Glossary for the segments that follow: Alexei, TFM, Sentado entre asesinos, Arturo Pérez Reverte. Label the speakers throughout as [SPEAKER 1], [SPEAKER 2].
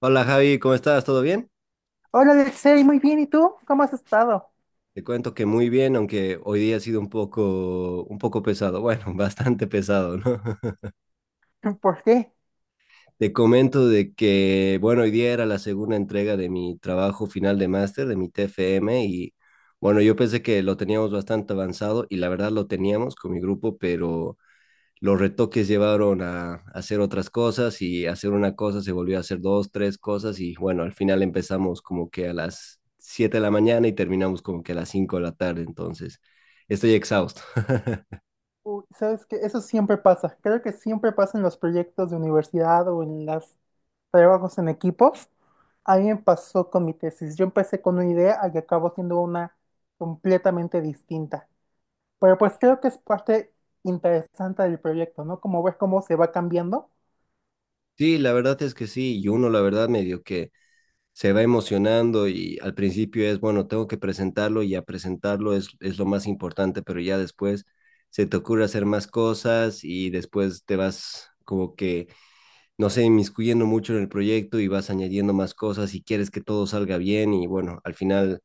[SPEAKER 1] Hola Javi, ¿cómo estás? ¿Todo bien?
[SPEAKER 2] Hola, Alexei, muy bien. ¿Y tú? ¿Cómo has estado?
[SPEAKER 1] Te cuento que muy bien, aunque hoy día ha sido un poco pesado, bueno, bastante pesado, ¿no?
[SPEAKER 2] ¿Por qué?
[SPEAKER 1] Te comento de que, bueno, hoy día era la segunda entrega de mi trabajo final de máster, de mi TFM, y bueno, yo pensé que lo teníamos bastante avanzado y la verdad lo teníamos con mi grupo, pero los retoques llevaron a hacer otras cosas y hacer una cosa se volvió a hacer dos, tres cosas y bueno, al final empezamos como que a las 7 de la mañana y terminamos como que a las 5 de la tarde, entonces estoy exhausto.
[SPEAKER 2] Uy, sabes que eso siempre pasa. Creo que siempre pasa en los proyectos de universidad o en los trabajos en equipos. A mí me pasó con mi tesis. Yo empecé con una idea y acabó siendo una completamente distinta. Pero pues creo que es parte interesante del proyecto, ¿no? Como ver cómo se va cambiando.
[SPEAKER 1] Sí, la verdad es que sí, y uno la verdad medio que se va emocionando y al principio es, bueno, tengo que presentarlo y a presentarlo es lo más importante, pero ya después se te ocurre hacer más cosas y después te vas como que no sé, inmiscuyendo mucho en el proyecto y vas añadiendo más cosas y quieres que todo salga bien y bueno, al final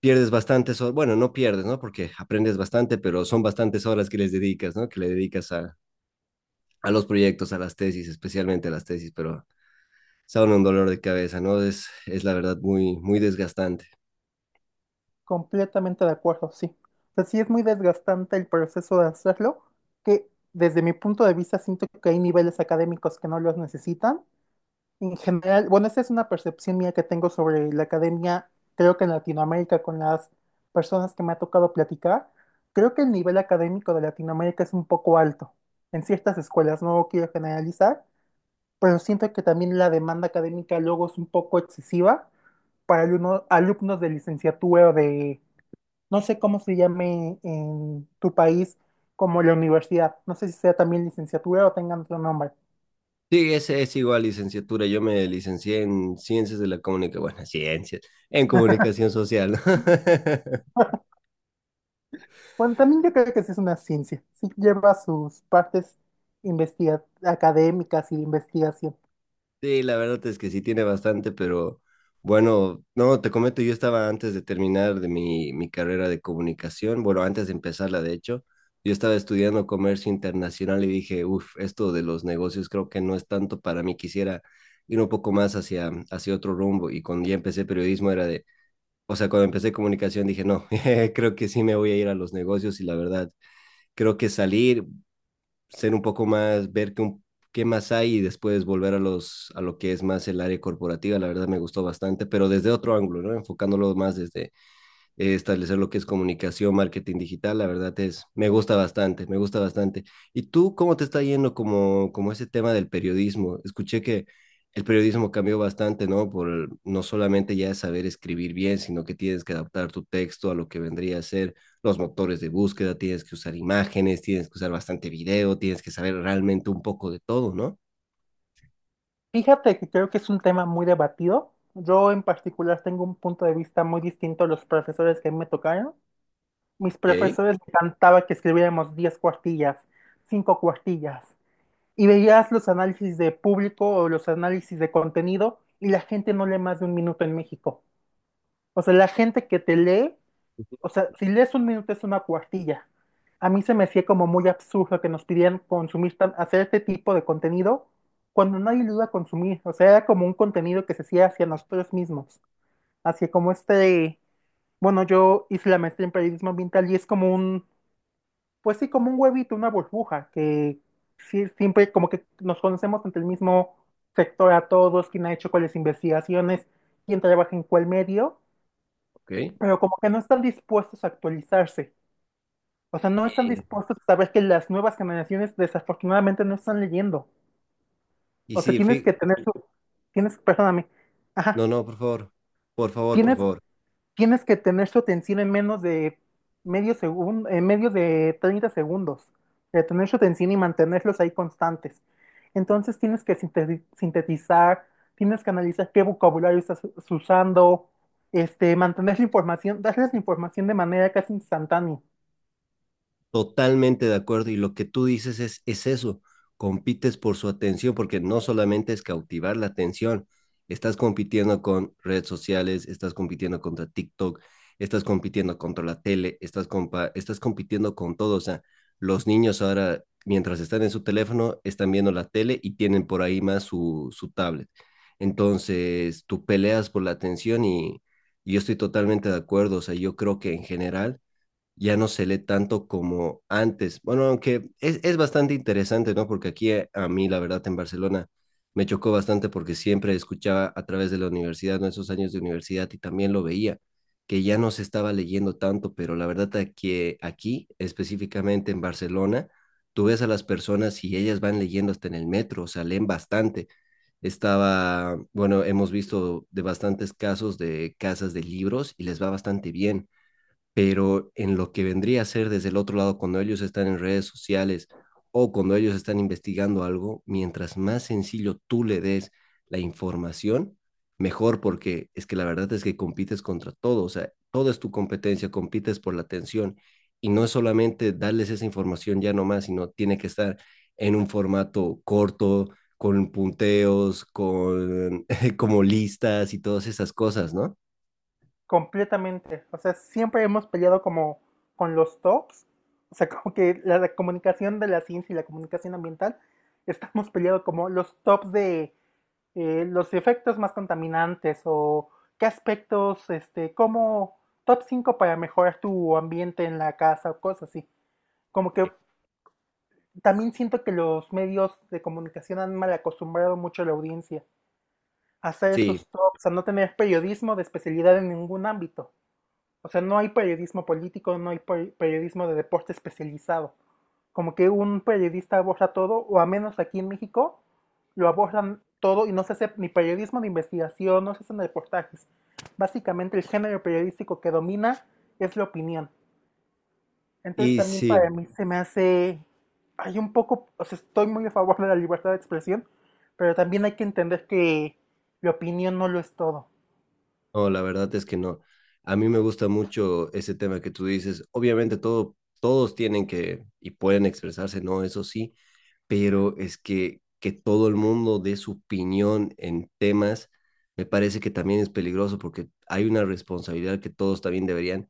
[SPEAKER 1] pierdes bastantes horas, bueno, no pierdes, ¿no? Porque aprendes bastante, pero son bastantes horas que les dedicas, ¿no? Que le dedicas a los proyectos, a las tesis, especialmente a las tesis, pero son un dolor de cabeza, ¿no? Es la verdad muy, muy desgastante.
[SPEAKER 2] Completamente de acuerdo, sí. O sea, sí es muy desgastante el proceso de hacerlo, que desde mi punto de vista siento que hay niveles académicos que no los necesitan. En general, bueno, esa es una percepción mía que tengo sobre la academia, creo que en Latinoamérica, con las personas que me ha tocado platicar, creo que el nivel académico de Latinoamérica es un poco alto en ciertas escuelas, no quiero generalizar, pero siento que también la demanda académica luego es un poco excesiva para alumnos de licenciatura o de no sé cómo se llame en tu país, como la universidad. No sé si sea también licenciatura o tengan otro nombre.
[SPEAKER 1] Sí, ese es igual licenciatura. Yo me licencié en ciencias de la comunicación, bueno, ciencias, en comunicación social, ¿no?
[SPEAKER 2] Bueno, también yo creo que sí es una ciencia. Sí lleva sus partes académicas y de investigación.
[SPEAKER 1] Sí, la verdad es que sí tiene bastante, pero bueno, no, te comento, yo estaba antes de terminar de mi carrera de comunicación, bueno, antes de empezarla, de hecho, yo estaba estudiando comercio internacional y dije, uff, esto de los negocios creo que no es tanto para mí, quisiera ir un poco más hacia otro rumbo. Y cuando ya empecé periodismo era de, o sea, cuando empecé comunicación dije, no, creo que sí me voy a ir a los negocios y la verdad, creo que salir, ser un poco más, ver qué, qué más hay y después volver a a lo que es más el área corporativa. La verdad me gustó bastante, pero desde otro ángulo, ¿no? Enfocándolo más desde establecer lo que es comunicación, marketing digital, la verdad es, me gusta bastante, me gusta bastante. ¿Y tú cómo te está yendo como, como ese tema del periodismo? Escuché que el periodismo cambió bastante, ¿no? Por no solamente ya saber escribir bien, sino que tienes que adaptar tu texto a lo que vendría a ser los motores de búsqueda, tienes que usar imágenes, tienes que usar bastante video, tienes que saber realmente un poco de todo, ¿no?
[SPEAKER 2] Fíjate que creo que es un tema muy debatido. Yo en particular tengo un punto de vista muy distinto a los profesores que a mí me tocaron. Mis
[SPEAKER 1] Ok,
[SPEAKER 2] profesores me cantaba que escribiéramos 10 cuartillas, 5 cuartillas. Y veías los análisis de público o los análisis de contenido, y la gente no lee más de un minuto en México. O sea, la gente que te lee, o sea, si lees un minuto es una cuartilla. A mí se me hacía como muy absurdo que nos pidieran consumir, hacer este tipo de contenido cuando nadie lo iba a consumir. O sea, era como un contenido que se hacía hacia nosotros mismos. Hacia como este, bueno, yo hice la maestría en periodismo ambiental y es como un, pues sí, como un huevito, una burbuja, que sí, siempre como que nos conocemos entre el mismo sector a todos, quién ha hecho cuáles investigaciones, quién trabaja en cuál medio,
[SPEAKER 1] ok.
[SPEAKER 2] pero como que no están dispuestos a actualizarse. O sea, no están
[SPEAKER 1] Eh,
[SPEAKER 2] dispuestos a saber que las nuevas generaciones desafortunadamente no están leyendo.
[SPEAKER 1] y
[SPEAKER 2] O sea,
[SPEAKER 1] sí,
[SPEAKER 2] tienes que tener tu, tienes, perdóname, ajá,
[SPEAKER 1] no, no, por favor, por favor, por
[SPEAKER 2] tienes.
[SPEAKER 1] favor.
[SPEAKER 2] Tienes que tener tu atención en menos de medio segundo, en medio de 30 segundos. Retener su atención y mantenerlos ahí constantes. Entonces tienes que sintetizar, tienes que analizar qué vocabulario estás usando, este, mantener la información, darles la información de manera casi instantánea,
[SPEAKER 1] Totalmente de acuerdo. Y lo que tú dices es eso, compites por su atención, porque no solamente es cautivar la atención, estás compitiendo con redes sociales, estás compitiendo contra TikTok, estás compitiendo contra la tele, estás, estás compitiendo con todo. O sea, los niños ahora, mientras están en su teléfono, están viendo la tele y tienen por ahí más su tablet. Entonces, tú peleas por la atención y yo estoy totalmente de acuerdo. O sea, yo creo que en general ya no se lee tanto como antes. Bueno, aunque es bastante interesante, ¿no? Porque aquí a mí, la verdad, en Barcelona me chocó bastante porque siempre escuchaba a través de la universidad, ¿no? Esos años de universidad y también lo veía, que ya no se estaba leyendo tanto, pero la verdad es que aquí, específicamente en Barcelona, tú ves a las personas y ellas van leyendo hasta en el metro, o sea, leen bastante. Estaba, bueno, hemos visto de bastantes casos de casas de libros y les va bastante bien, pero en lo que vendría a ser desde el otro lado, cuando ellos están en redes sociales o cuando ellos están investigando algo, mientras más sencillo tú le des la información, mejor, porque es que la verdad es que compites contra todo, o sea, todo es tu competencia, compites por la atención y no es solamente darles esa información ya nomás, sino tiene que estar en un formato corto, con punteos, con como listas y todas esas cosas, ¿no?
[SPEAKER 2] completamente. O sea, siempre hemos peleado como con los TOPS, o sea, como que la comunicación de la ciencia y la comunicación ambiental, estamos peleando como los TOPS de los efectos más contaminantes o qué aspectos, este, como top 5 para mejorar tu ambiente en la casa o cosas así. Como que también siento que los medios de comunicación han mal acostumbrado mucho a la audiencia a hacer
[SPEAKER 1] Sí,
[SPEAKER 2] estos tops, a no tener periodismo de especialidad en ningún ámbito. O sea, no hay periodismo político, no hay periodismo de deporte especializado. Como que un periodista aborda todo, o a menos aquí en México, lo abordan todo y no se hace ni periodismo ni investigación, no se hacen reportajes. Básicamente el género periodístico que domina es la opinión. Entonces
[SPEAKER 1] y
[SPEAKER 2] también
[SPEAKER 1] sí.
[SPEAKER 2] para mí se me hace, hay un poco, o sea, estoy muy a favor de la libertad de expresión, pero también hay que entender que la opinión no lo es todo.
[SPEAKER 1] No, la verdad es que no. A mí me gusta mucho ese tema que tú dices. Obviamente todo, todos tienen que y pueden expresarse, ¿no? Eso sí, pero es que todo el mundo dé su opinión en temas, me parece que también es peligroso porque hay una responsabilidad que todos también deberían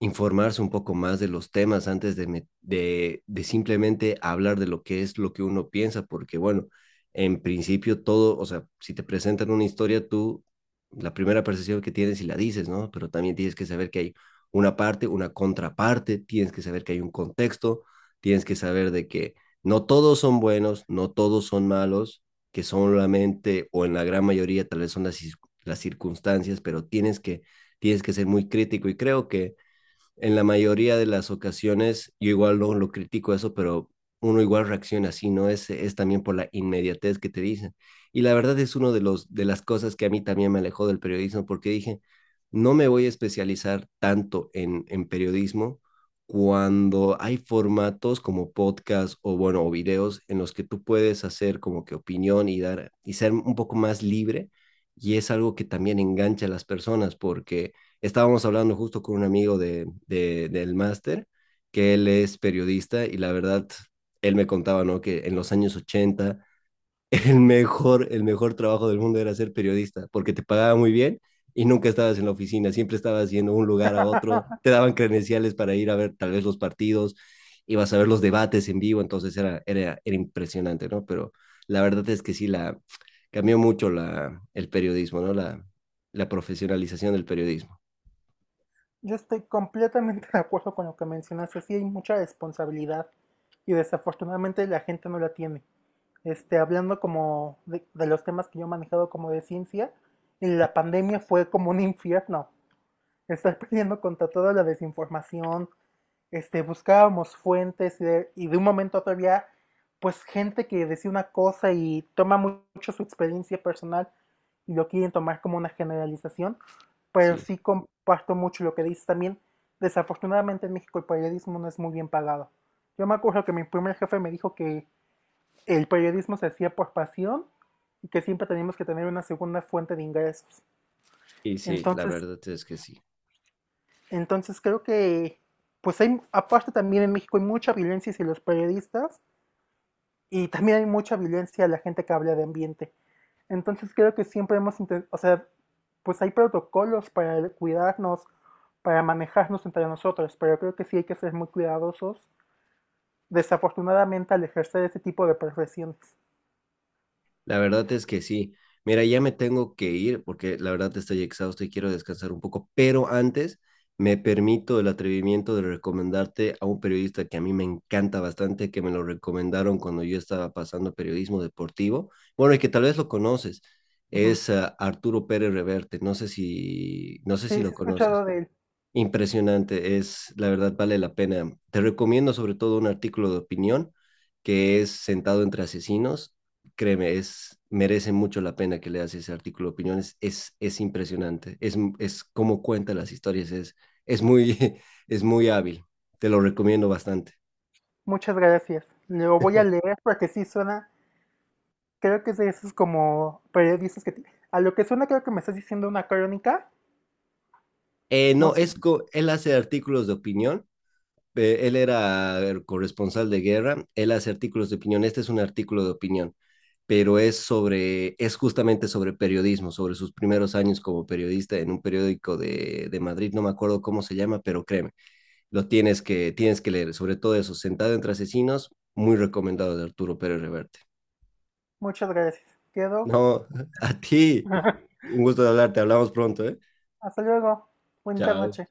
[SPEAKER 1] informarse un poco más de los temas antes de, de simplemente hablar de lo que es lo que uno piensa, porque bueno, en principio todo, o sea, si te presentan una historia, tú la primera percepción que tienes y la dices, ¿no? Pero también tienes que saber que hay una parte, una contraparte, tienes que saber que hay un contexto, tienes que saber de que no todos son buenos, no todos son malos, que solamente o en la gran mayoría tal vez son las circunstancias, pero tienes que ser muy crítico y creo que en la mayoría de las ocasiones, yo igual no lo critico eso, pero uno igual reacciona así, ¿no? Es también por la inmediatez que te dicen. Y la verdad es uno de, los, de las cosas que a mí también me alejó del periodismo, porque dije, no me voy a especializar tanto en periodismo cuando hay formatos como podcast o, bueno, o videos en los que tú puedes hacer como que opinión y dar, y ser un poco más libre. Y es algo que también engancha a las personas porque estábamos hablando justo con un amigo de del máster, que él es periodista y la verdad, él me contaba, ¿no? Que en los años 80 el mejor trabajo del mundo era ser periodista, porque te pagaba muy bien y nunca estabas en la oficina, siempre estabas yendo de un lugar a otro, te daban credenciales para ir a ver tal vez los partidos, ibas a ver los debates en vivo, entonces era impresionante, ¿no? Pero la verdad es que sí, la, cambió mucho la, el periodismo, ¿no? La profesionalización del periodismo,
[SPEAKER 2] Yo estoy completamente de acuerdo con lo que mencionaste. Sí hay mucha responsabilidad y desafortunadamente la gente no la tiene. Este, hablando como de los temas que yo he manejado como de ciencia, la pandemia fue como un infierno. Estar peleando contra toda la desinformación, este, buscábamos fuentes y de un momento a otro había pues gente que decía una cosa y toma mucho su experiencia personal y lo quieren tomar como una generalización, pero
[SPEAKER 1] sí.
[SPEAKER 2] sí comparto mucho lo que dices también. Desafortunadamente en México el periodismo no es muy bien pagado. Yo me acuerdo que mi primer jefe me dijo que el periodismo se hacía por pasión y que siempre teníamos que tener una segunda fuente de ingresos.
[SPEAKER 1] Y sí, la
[SPEAKER 2] Entonces,
[SPEAKER 1] verdad es que sí.
[SPEAKER 2] Entonces creo que, pues hay, aparte también en México hay mucha violencia hacia los periodistas y también hay mucha violencia a la gente que habla de ambiente. Entonces creo que siempre hemos intentado, o sea, pues hay protocolos para cuidarnos, para manejarnos entre nosotros, pero creo que sí hay que ser muy cuidadosos, desafortunadamente, al ejercer ese tipo de profesiones.
[SPEAKER 1] La verdad es que sí. Mira, ya me tengo que ir porque la verdad estoy exhausto y quiero descansar un poco, pero antes me permito el atrevimiento de recomendarte a un periodista que a mí me encanta bastante, que me lo recomendaron cuando yo estaba pasando periodismo deportivo. Bueno, y que tal vez lo conoces,
[SPEAKER 2] Ujú.
[SPEAKER 1] es Arturo Pérez Reverte. No sé si, no sé
[SPEAKER 2] Sí,
[SPEAKER 1] si
[SPEAKER 2] sí
[SPEAKER 1] lo
[SPEAKER 2] he
[SPEAKER 1] conoces.
[SPEAKER 2] escuchado de él.
[SPEAKER 1] Impresionante, es la verdad vale la pena. Te recomiendo sobre todo un artículo de opinión que es Sentado entre asesinos. Créeme, es merece mucho la pena que leas ese artículo de opinión. Es impresionante. Es cómo cuenta las historias. Es muy, es muy hábil. Te lo recomiendo bastante.
[SPEAKER 2] Muchas gracias. Lo voy a leer porque sí suena, creo que es de esos como periodistas que... te- a lo que suena creo que me estás diciendo una crónica. No
[SPEAKER 1] No, es
[SPEAKER 2] sé.
[SPEAKER 1] él hace artículos de opinión, él era el corresponsal de guerra, él hace artículos de opinión, este es un artículo de opinión, pero es sobre, es justamente sobre periodismo, sobre sus primeros años como periodista en un periódico de Madrid, no me acuerdo cómo se llama, pero créeme, lo tienes que leer, sobre todo eso, Sentado entre asesinos, muy recomendado de Arturo Pérez Reverte.
[SPEAKER 2] Muchas gracias. Quedo.
[SPEAKER 1] No, a ti, un gusto de hablarte, hablamos pronto, ¿eh?
[SPEAKER 2] Hasta luego. Bonita
[SPEAKER 1] Chao.
[SPEAKER 2] noche.